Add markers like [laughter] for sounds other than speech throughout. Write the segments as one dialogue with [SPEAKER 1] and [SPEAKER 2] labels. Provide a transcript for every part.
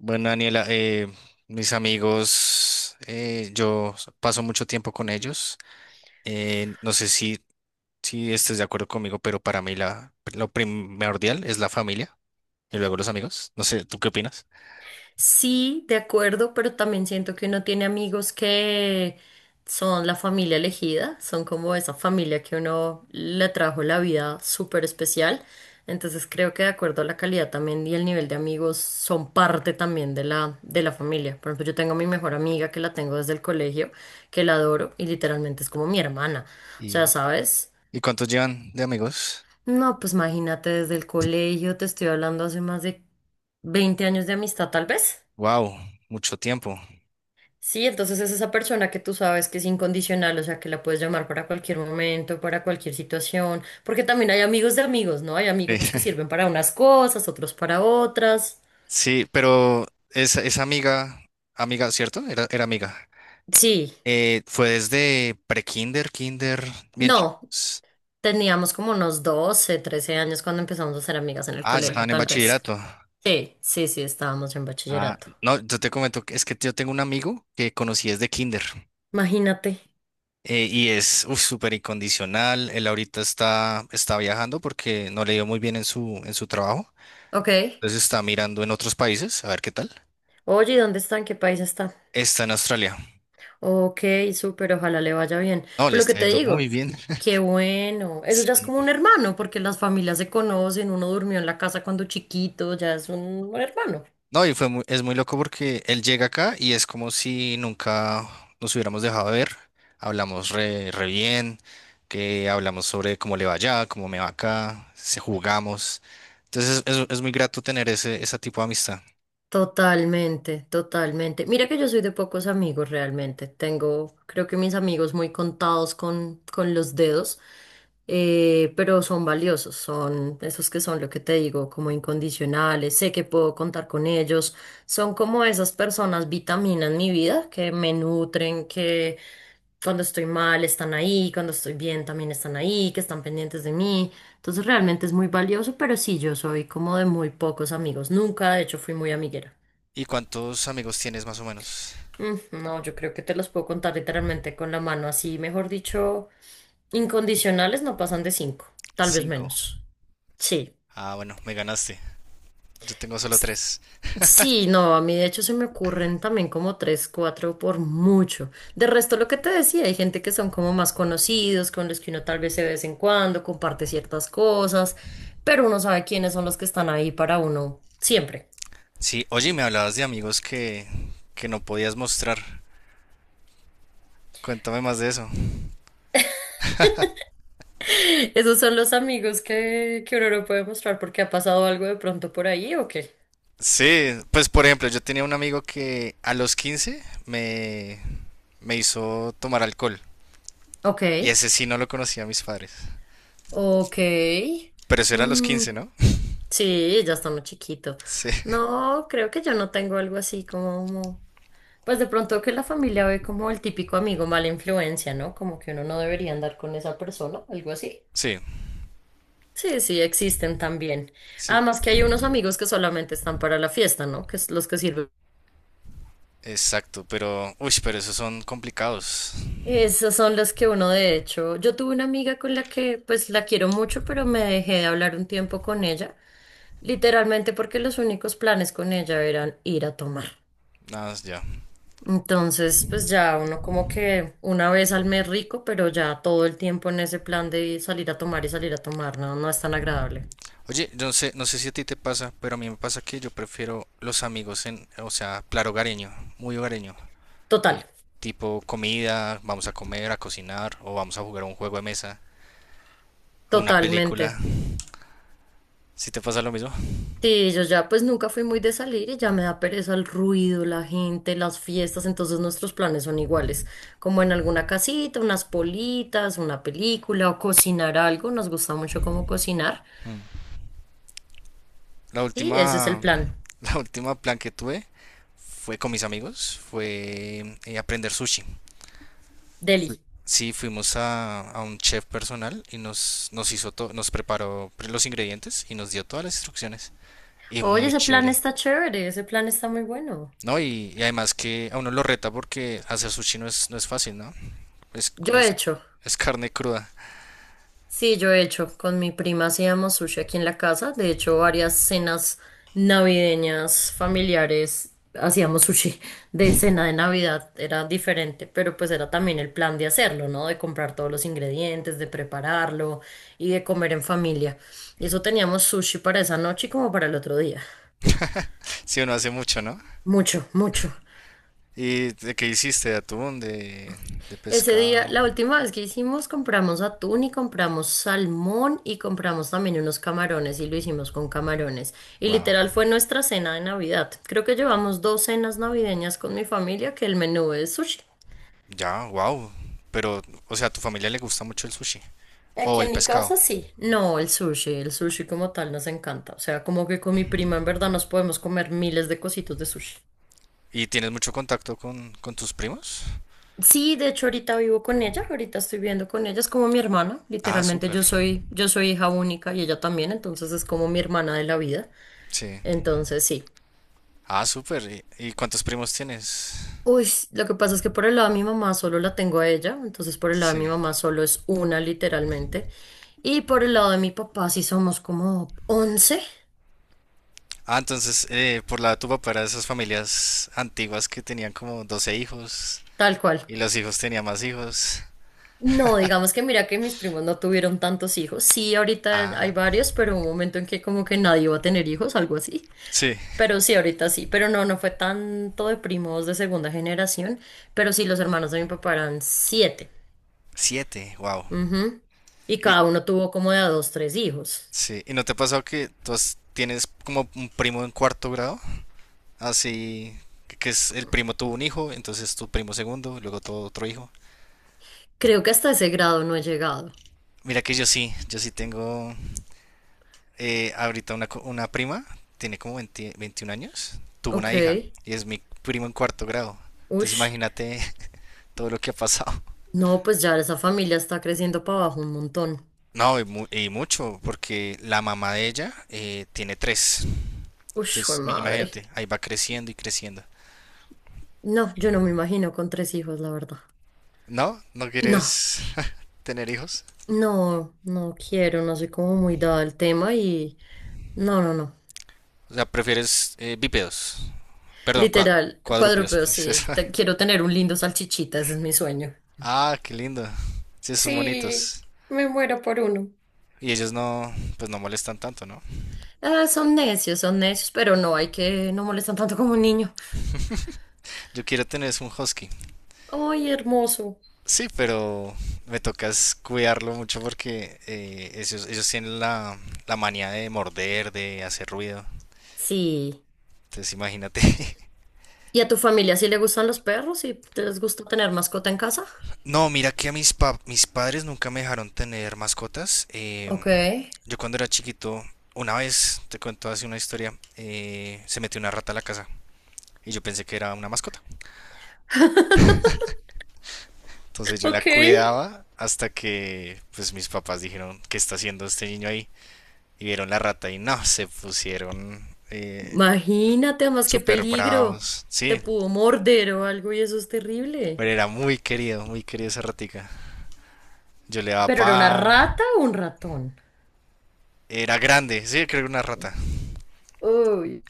[SPEAKER 1] Bueno, Daniela, mis amigos, yo paso mucho tiempo con ellos. No sé si estés de acuerdo conmigo, pero para mí lo primordial es la familia y luego los amigos. No sé, ¿tú qué opinas?
[SPEAKER 2] Sí, de acuerdo, pero también siento que uno tiene amigos que son la familia elegida, son como esa familia que uno le trajo la vida súper especial. Entonces creo que de acuerdo a la calidad también y el nivel de amigos son parte también de la familia. Por ejemplo, yo tengo a mi mejor amiga que la tengo desde el colegio, que la adoro y literalmente es como mi hermana. O sea,
[SPEAKER 1] ¿Y,
[SPEAKER 2] ¿sabes?
[SPEAKER 1] y cuántos llevan de amigos?
[SPEAKER 2] No, pues imagínate desde el colegio, te estoy hablando hace más de 20 años de amistad tal vez.
[SPEAKER 1] Wow, mucho tiempo.
[SPEAKER 2] Sí, entonces es esa persona que tú sabes que es incondicional, o sea, que la puedes llamar para cualquier momento, para cualquier situación, porque también hay amigos de amigos, ¿no? Hay
[SPEAKER 1] Eh,
[SPEAKER 2] amigos que
[SPEAKER 1] [laughs]
[SPEAKER 2] sirven para unas cosas, otros para otras.
[SPEAKER 1] Sí, pero esa amiga, amiga, ¿cierto? Era amiga.
[SPEAKER 2] Sí,
[SPEAKER 1] Fue desde pre-kinder, kinder, bien
[SPEAKER 2] no,
[SPEAKER 1] chicos.
[SPEAKER 2] teníamos como unos 12, 13 años cuando empezamos a ser amigas en el
[SPEAKER 1] Ah, ya
[SPEAKER 2] colegio,
[SPEAKER 1] estaban en
[SPEAKER 2] tal vez.
[SPEAKER 1] bachillerato.
[SPEAKER 2] Sí, sí, sí, estábamos en
[SPEAKER 1] Ah,
[SPEAKER 2] bachillerato.
[SPEAKER 1] no, yo te comento que es que yo tengo un amigo que conocí desde kinder,
[SPEAKER 2] Imagínate.
[SPEAKER 1] y es uf, súper incondicional. Él ahorita está viajando porque no le dio muy bien en su trabajo.
[SPEAKER 2] Ok.
[SPEAKER 1] Entonces está mirando en otros países, a ver qué tal.
[SPEAKER 2] Oye, ¿y ¿dónde está? ¿En qué país está?
[SPEAKER 1] Está en Australia.
[SPEAKER 2] Ok, súper, ojalá le vaya bien.
[SPEAKER 1] No, le
[SPEAKER 2] Pero lo que
[SPEAKER 1] está
[SPEAKER 2] te
[SPEAKER 1] yendo
[SPEAKER 2] digo,
[SPEAKER 1] muy bien. [laughs]
[SPEAKER 2] qué bueno. Eso ya es
[SPEAKER 1] Sí.
[SPEAKER 2] como un hermano, porque las familias se conocen, uno durmió en la casa cuando chiquito, ya es un hermano.
[SPEAKER 1] No, y es muy loco porque él llega acá y es como si nunca nos hubiéramos dejado de ver. Hablamos re bien, que hablamos sobre cómo le va allá, cómo me va acá, se jugamos. Entonces es muy grato tener ese tipo de amistad.
[SPEAKER 2] Totalmente, totalmente. Mira que yo soy de pocos amigos realmente. Tengo, creo que mis amigos muy contados con los dedos, pero son valiosos, son esos que son lo que te digo, como incondicionales. Sé que puedo contar con ellos. Son como esas personas vitaminas en mi vida que me nutren, que cuando estoy mal están ahí, cuando estoy bien también están ahí, que están pendientes de mí. Entonces realmente es muy valioso, pero sí, yo soy como de muy pocos amigos. Nunca, de hecho, fui muy amiguera.
[SPEAKER 1] ¿Y cuántos amigos tienes más o menos?
[SPEAKER 2] Mm, no, yo creo que te los puedo contar literalmente con la mano, así, mejor dicho, incondicionales no pasan de cinco, tal vez
[SPEAKER 1] Cinco.
[SPEAKER 2] menos. Sí.
[SPEAKER 1] Ah, bueno, me ganaste. Yo tengo solo
[SPEAKER 2] Ps-
[SPEAKER 1] tres.
[SPEAKER 2] Sí, no, a mí de hecho se me ocurren también como tres, cuatro por mucho. De resto, lo que te decía, hay gente que son como más conocidos, con los que uno tal vez se ve de vez en cuando, comparte ciertas cosas, pero uno sabe quiénes son los que están ahí para uno siempre.
[SPEAKER 1] Sí, oye, me hablabas de amigos que no podías mostrar. Cuéntame más de eso.
[SPEAKER 2] [laughs] Esos son los amigos que uno no puede mostrar porque ha pasado algo de pronto por ahí ¿o qué?
[SPEAKER 1] Sí, pues por ejemplo, yo tenía un amigo que a los 15 me hizo tomar alcohol.
[SPEAKER 2] Ok,
[SPEAKER 1] Y ese sí no lo conocía a mis padres.
[SPEAKER 2] ok.
[SPEAKER 1] Pero eso era a los
[SPEAKER 2] Mm,
[SPEAKER 1] 15, ¿no? [laughs]
[SPEAKER 2] sí, ya está muy chiquito.
[SPEAKER 1] Sí,
[SPEAKER 2] No, creo que yo no tengo algo así como... Pues de pronto que la familia ve como el típico amigo mala influencia, ¿no? Como que uno no debería andar con esa persona, algo así.
[SPEAKER 1] sí,
[SPEAKER 2] Sí, sí, existen también.
[SPEAKER 1] sí,
[SPEAKER 2] Además que hay unos amigos que solamente están para la fiesta, ¿no? Que es los que sirven.
[SPEAKER 1] exacto. Pero, uy, pero esos son complicados.
[SPEAKER 2] Esas son las que uno de hecho, yo tuve una amiga con la que pues la quiero mucho, pero me dejé de hablar un tiempo con ella, literalmente porque los únicos planes con ella eran ir a tomar.
[SPEAKER 1] Nada más ya.
[SPEAKER 2] Entonces, pues ya uno como que una vez al mes rico, pero ya todo el tiempo en ese plan de salir a tomar y salir a tomar, no, no es tan agradable.
[SPEAKER 1] Oye, yo no sé si a ti te pasa, pero a mí me pasa que yo prefiero los amigos o sea, plan hogareño, muy hogareño.
[SPEAKER 2] Total,
[SPEAKER 1] Eh, Tipo comida, vamos a comer, a cocinar, o vamos a jugar a un juego de mesa, o una
[SPEAKER 2] totalmente.
[SPEAKER 1] película. ¿Sí te pasa lo mismo?
[SPEAKER 2] Sí, yo ya pues nunca fui muy de salir y ya me da pereza el ruido, la gente, las fiestas, entonces nuestros planes son iguales, como en alguna casita, unas politas, una película o cocinar algo, nos gusta mucho como cocinar.
[SPEAKER 1] Mm. La
[SPEAKER 2] Sí, ese es el
[SPEAKER 1] última,
[SPEAKER 2] plan.
[SPEAKER 1] [laughs] la última plan que tuve fue con mis amigos, fue aprender sushi.
[SPEAKER 2] Deli.
[SPEAKER 1] Sí, fuimos a un chef personal y nos hizo todo, nos preparó los ingredientes y nos dio todas las instrucciones. Y
[SPEAKER 2] Oye,
[SPEAKER 1] muy
[SPEAKER 2] ese plan
[SPEAKER 1] chévere.
[SPEAKER 2] está chévere, ese plan está muy bueno.
[SPEAKER 1] No, y además que a uno lo reta porque hacer sushi no es fácil, ¿no? Es,
[SPEAKER 2] Yo he
[SPEAKER 1] es,
[SPEAKER 2] hecho.
[SPEAKER 1] es carne cruda. [laughs]
[SPEAKER 2] Sí, yo he hecho con mi prima, hacíamos sushi aquí en la casa. De hecho, varias cenas navideñas familiares hacíamos sushi de cena de Navidad. Era diferente, pero pues era también el plan de hacerlo, ¿no? De comprar todos los ingredientes, de prepararlo y de comer en familia. Y eso teníamos sushi para esa noche y como para el otro día.
[SPEAKER 1] Si uno hace mucho, ¿no?
[SPEAKER 2] Mucho, mucho.
[SPEAKER 1] ¿Y de qué hiciste? ¿De atún? ¿De
[SPEAKER 2] Ese día,
[SPEAKER 1] pescado?
[SPEAKER 2] la última vez que hicimos, compramos atún y compramos salmón y compramos también unos camarones y lo hicimos con camarones. Y
[SPEAKER 1] Wow.
[SPEAKER 2] literal fue nuestra cena de Navidad. Creo que llevamos dos cenas navideñas con mi familia, que el menú es sushi.
[SPEAKER 1] Ya, wow. Pero, o sea, ¿a tu familia le gusta mucho el sushi o
[SPEAKER 2] Aquí
[SPEAKER 1] el
[SPEAKER 2] en mi
[SPEAKER 1] pescado?
[SPEAKER 2] casa sí. No, el sushi como tal nos encanta. O sea, como que con mi prima en verdad nos podemos comer miles de cositos de sushi.
[SPEAKER 1] ¿Y tienes mucho contacto con tus primos?
[SPEAKER 2] Sí, de hecho ahorita vivo con ella, ahorita estoy viviendo con ella, es como mi hermana,
[SPEAKER 1] Ah,
[SPEAKER 2] literalmente
[SPEAKER 1] súper.
[SPEAKER 2] yo soy hija única y ella también, entonces es como mi hermana de la vida,
[SPEAKER 1] Sí.
[SPEAKER 2] entonces sí.
[SPEAKER 1] Ah, súper. ¿Y cuántos primos tienes?
[SPEAKER 2] Uy, lo que pasa es que por el lado de mi mamá solo la tengo a ella, entonces por el lado de mi
[SPEAKER 1] Sí.
[SPEAKER 2] mamá solo es una literalmente, y por el lado de mi papá sí somos como 11,
[SPEAKER 1] Ah, entonces, por la de tu papá era de esas familias antiguas que tenían como 12 hijos
[SPEAKER 2] tal cual.
[SPEAKER 1] y los hijos tenían más hijos.
[SPEAKER 2] No, digamos que mira que mis primos no tuvieron tantos hijos, sí, ahorita hay
[SPEAKER 1] Ah,
[SPEAKER 2] varios, pero hubo un momento en que como que nadie iba a tener hijos, algo así.
[SPEAKER 1] sí.
[SPEAKER 2] Pero sí, ahorita sí, pero no, no fue tanto de primos de segunda generación, pero sí, los hermanos de mi papá eran siete.
[SPEAKER 1] Siete, wow.
[SPEAKER 2] Ujú. Y
[SPEAKER 1] Y,
[SPEAKER 2] cada uno tuvo como de a dos, tres hijos.
[SPEAKER 1] sí. ¿Y no te ha pasado que tienes como un primo en cuarto grado? Así que es el primo tuvo un hijo, entonces tu primo segundo, luego todo otro hijo.
[SPEAKER 2] Creo que hasta ese grado no he llegado.
[SPEAKER 1] Mira que yo sí tengo ahorita una prima, tiene como 20 21 años, tuvo una
[SPEAKER 2] Ok.
[SPEAKER 1] hija y es mi primo en cuarto grado. Entonces
[SPEAKER 2] Ush.
[SPEAKER 1] imagínate [laughs] todo lo que ha pasado.
[SPEAKER 2] No, pues ya esa familia está creciendo para abajo un montón.
[SPEAKER 1] No, y mucho, porque la mamá de ella tiene tres.
[SPEAKER 2] Ush, jue
[SPEAKER 1] Entonces,
[SPEAKER 2] madre.
[SPEAKER 1] imagínate, ahí va creciendo y creciendo.
[SPEAKER 2] No, yo no me imagino con tres hijos, la verdad.
[SPEAKER 1] ¿No? ¿No
[SPEAKER 2] No,
[SPEAKER 1] quieres [laughs] tener hijos?
[SPEAKER 2] no, no quiero, no soy como muy dada al tema y... No, no, no.
[SPEAKER 1] O sea, prefieres bípedos. Perdón,
[SPEAKER 2] Literal,
[SPEAKER 1] cuadrúpedos.
[SPEAKER 2] cuadrúpedo,
[SPEAKER 1] Pues,
[SPEAKER 2] sí.
[SPEAKER 1] eso. [laughs]
[SPEAKER 2] Quiero tener un lindo salchichita, ese es mi sueño.
[SPEAKER 1] Ah, qué lindo. Sí, son
[SPEAKER 2] Sí,
[SPEAKER 1] bonitos.
[SPEAKER 2] me muero por uno.
[SPEAKER 1] Y ellos no, pues no molestan tanto, ¿no?
[SPEAKER 2] Ah, son necios, pero no, hay que no molestan tanto como un niño.
[SPEAKER 1] Yo quiero tener es un husky.
[SPEAKER 2] Ay, hermoso.
[SPEAKER 1] Sí, pero me tocas cuidarlo mucho porque ellos tienen la manía de morder, de hacer ruido.
[SPEAKER 2] Sí.
[SPEAKER 1] Entonces imagínate. [laughs]
[SPEAKER 2] ¿Y a tu familia sí le gustan los perros y te les gusta tener mascota en casa?
[SPEAKER 1] No, mira que a mis padres nunca me dejaron tener mascotas.
[SPEAKER 2] Ok.
[SPEAKER 1] Yo cuando era chiquito, una vez, te cuento así una historia, se metió una rata a la casa y yo pensé que era una mascota.
[SPEAKER 2] [laughs]
[SPEAKER 1] Entonces yo la
[SPEAKER 2] Ok.
[SPEAKER 1] cuidaba hasta que pues mis papás dijeron, ¿qué está haciendo este niño ahí? Y vieron la rata y no, se pusieron
[SPEAKER 2] Imagínate, además qué
[SPEAKER 1] súper
[SPEAKER 2] peligro.
[SPEAKER 1] bravos.
[SPEAKER 2] Te
[SPEAKER 1] Sí,
[SPEAKER 2] pudo morder o algo y eso es terrible.
[SPEAKER 1] pero era muy querido, muy querida esa ratica. Yo le daba
[SPEAKER 2] ¿Pero era una
[SPEAKER 1] pan,
[SPEAKER 2] rata o un ratón?
[SPEAKER 1] era grande, sí, creo que era una rata.
[SPEAKER 2] Uy.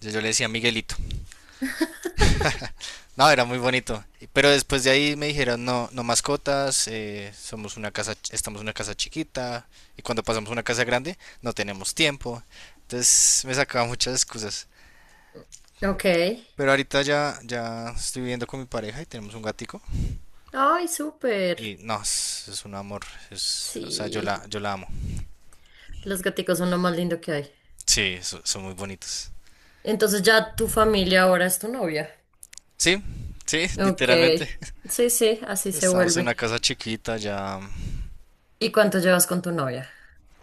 [SPEAKER 1] Yo le decía Miguelito. No, era muy bonito. Pero después de ahí me dijeron, no, no mascotas, somos una casa, estamos en una casa chiquita y cuando pasamos a una casa grande no tenemos tiempo. Entonces me sacaba muchas excusas.
[SPEAKER 2] Ok.
[SPEAKER 1] Pero ahorita ya estoy viviendo con mi pareja y tenemos un gatico.
[SPEAKER 2] Ay, súper.
[SPEAKER 1] Y no, es un amor. Es, o sea, yo
[SPEAKER 2] Sí,
[SPEAKER 1] la, yo la amo.
[SPEAKER 2] los gaticos son lo más lindo que hay.
[SPEAKER 1] Sí, son muy bonitos.
[SPEAKER 2] Entonces ya tu familia ahora es tu novia.
[SPEAKER 1] Sí, sí,
[SPEAKER 2] Ok.
[SPEAKER 1] literalmente.
[SPEAKER 2] Sí, sí,
[SPEAKER 1] [laughs]
[SPEAKER 2] así se
[SPEAKER 1] Estamos en
[SPEAKER 2] vuelve.
[SPEAKER 1] una casa chiquita, ya
[SPEAKER 2] ¿Y cuánto llevas con tu novia?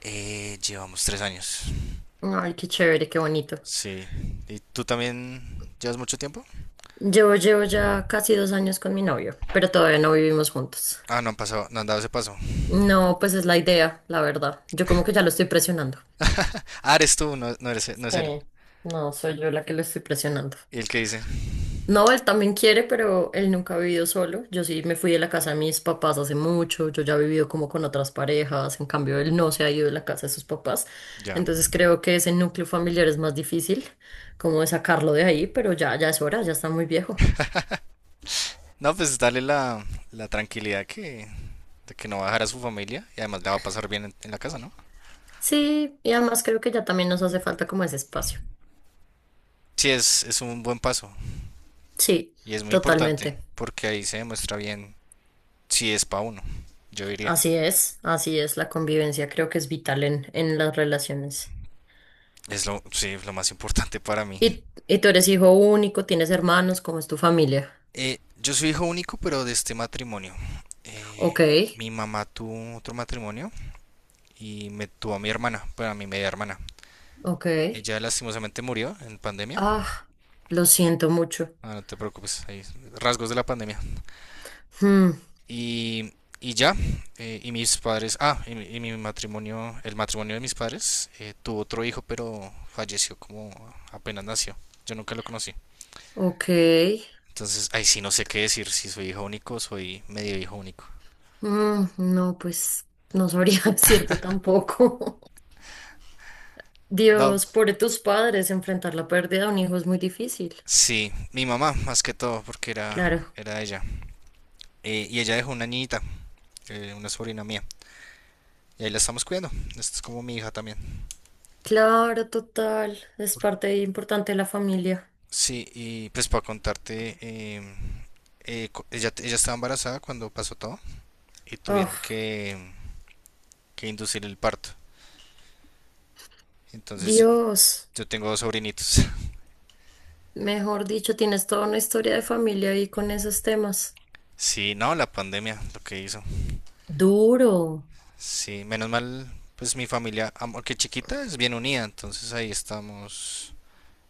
[SPEAKER 1] llevamos 3 años.
[SPEAKER 2] Ay, qué chévere, qué bonito.
[SPEAKER 1] Sí. ¿Y tú también llevas mucho tiempo?
[SPEAKER 2] Llevo, llevo ya casi dos años con mi novio, pero todavía no vivimos juntos.
[SPEAKER 1] Ah, no han pasado, no han dado ese paso.
[SPEAKER 2] No, pues es la idea, la verdad. Yo como que ya lo estoy presionando.
[SPEAKER 1] Ah, eres tú, no, no eres, no es él.
[SPEAKER 2] Sí, no, soy yo la que lo estoy presionando.
[SPEAKER 1] ¿Y el que dice?
[SPEAKER 2] No, él también quiere, pero él nunca ha vivido solo. Yo sí me fui de la casa de mis papás hace mucho, yo ya he vivido como con otras parejas, en cambio él no se ha ido de la casa de sus papás.
[SPEAKER 1] Ya.
[SPEAKER 2] Entonces creo que ese núcleo familiar es más difícil, como de sacarlo de ahí, pero ya, ya es hora, ya está muy viejo.
[SPEAKER 1] No, pues darle la tranquilidad de que no va a dejar a su familia y además la va a pasar bien en la casa, ¿no?
[SPEAKER 2] Sí, y además creo que ya también nos hace falta como ese espacio.
[SPEAKER 1] Sí, es un buen paso
[SPEAKER 2] Sí,
[SPEAKER 1] y es muy importante
[SPEAKER 2] totalmente.
[SPEAKER 1] porque ahí se demuestra bien si es para uno, yo diría.
[SPEAKER 2] Así es, la convivencia creo que es vital en las relaciones.
[SPEAKER 1] Es lo, sí, lo más importante para mí.
[SPEAKER 2] Y tú eres hijo único? ¿Tienes hermanos? ¿Cómo es tu familia?
[SPEAKER 1] Yo soy hijo único, pero de este matrimonio. Eh,
[SPEAKER 2] Ok.
[SPEAKER 1] Mi mamá tuvo otro matrimonio y me tuvo a mi hermana, bueno a mi media hermana.
[SPEAKER 2] Ok.
[SPEAKER 1] Ella lastimosamente murió en pandemia.
[SPEAKER 2] Ah, lo siento mucho.
[SPEAKER 1] Ah, no te preocupes, hay rasgos de la pandemia.
[SPEAKER 2] Hmm,
[SPEAKER 1] Y, y ya, y mis padres, ah, y mi matrimonio, el matrimonio de mis padres, tuvo otro hijo, pero falleció como apenas nació. Yo nunca lo conocí.
[SPEAKER 2] ok.
[SPEAKER 1] Entonces, ahí sí no sé qué decir, si soy hijo único o soy medio hijo único.
[SPEAKER 2] Mm, no, pues no sabría [laughs] decirte tampoco. [laughs]
[SPEAKER 1] No,
[SPEAKER 2] Dios, pobre tus padres, enfrentar la pérdida de un hijo es muy difícil.
[SPEAKER 1] sí, mi mamá, más que todo, porque era,
[SPEAKER 2] Claro.
[SPEAKER 1] era ella. Y ella dejó una niñita, una sobrina mía. Y ahí la estamos cuidando. Esto es como mi hija también.
[SPEAKER 2] Claro, total. Es parte importante de la familia.
[SPEAKER 1] Sí, y pues para contarte, ella estaba embarazada cuando pasó todo y tuvieron
[SPEAKER 2] Oh,
[SPEAKER 1] que inducir el parto. Entonces
[SPEAKER 2] Dios.
[SPEAKER 1] yo tengo dos sobrinitos. [laughs]
[SPEAKER 2] Mejor dicho, tienes toda una historia de familia ahí con esos temas.
[SPEAKER 1] Sí, no, la pandemia, lo que hizo.
[SPEAKER 2] Duro.
[SPEAKER 1] Sí, menos mal, pues mi familia, aunque chiquita, es bien unida. Entonces ahí estamos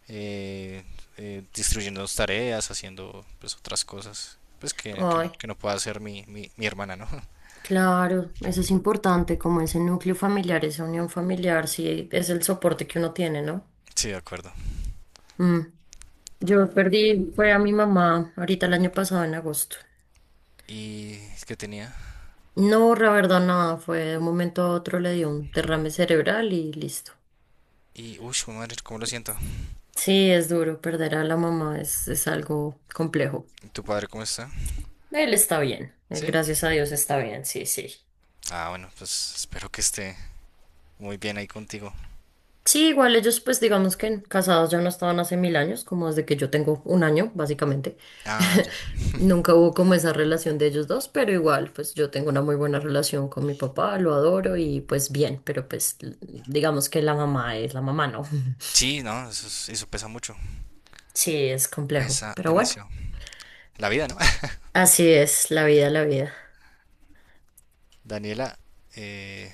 [SPEAKER 1] eh, distribuyendo tareas, haciendo pues otras cosas. Pues que, que-
[SPEAKER 2] Ay.
[SPEAKER 1] que no pueda hacer mi hermana, ¿no?
[SPEAKER 2] Claro, eso es importante, como ese núcleo familiar, esa unión familiar, sí, es el soporte que uno tiene, ¿no?
[SPEAKER 1] [laughs] Sí, de acuerdo.
[SPEAKER 2] Mm. Yo perdí, fue a mi mamá ahorita el año pasado en agosto.
[SPEAKER 1] Y que tenía.
[SPEAKER 2] No, la verdad, nada, fue de un momento a otro le dio un derrame cerebral y listo.
[SPEAKER 1] Uy, madre, ¿cómo lo siento?
[SPEAKER 2] Sí, es duro, perder a la mamá es algo complejo.
[SPEAKER 1] ¿Y tu padre cómo está?
[SPEAKER 2] Él está bien, él
[SPEAKER 1] ¿Sí?
[SPEAKER 2] gracias a Dios está bien, sí, sí.
[SPEAKER 1] Ah, bueno, pues espero que esté muy bien ahí contigo.
[SPEAKER 2] Sí, igual ellos pues digamos que casados ya no estaban hace mil años, como desde que yo tengo un año, básicamente.
[SPEAKER 1] Ah,
[SPEAKER 2] [laughs]
[SPEAKER 1] ya.
[SPEAKER 2] Nunca hubo como esa relación de ellos dos, pero igual pues yo tengo una muy buena relación con mi papá, lo adoro y pues bien, pero digamos que la mamá es la mamá, ¿no? [laughs]
[SPEAKER 1] Sí, no, eso pesa mucho.
[SPEAKER 2] Sí, es complejo,
[SPEAKER 1] Pesa
[SPEAKER 2] pero bueno,
[SPEAKER 1] demasiado. La vida, ¿no? [laughs]
[SPEAKER 2] así es la vida, la vida.
[SPEAKER 1] Daniela, eh,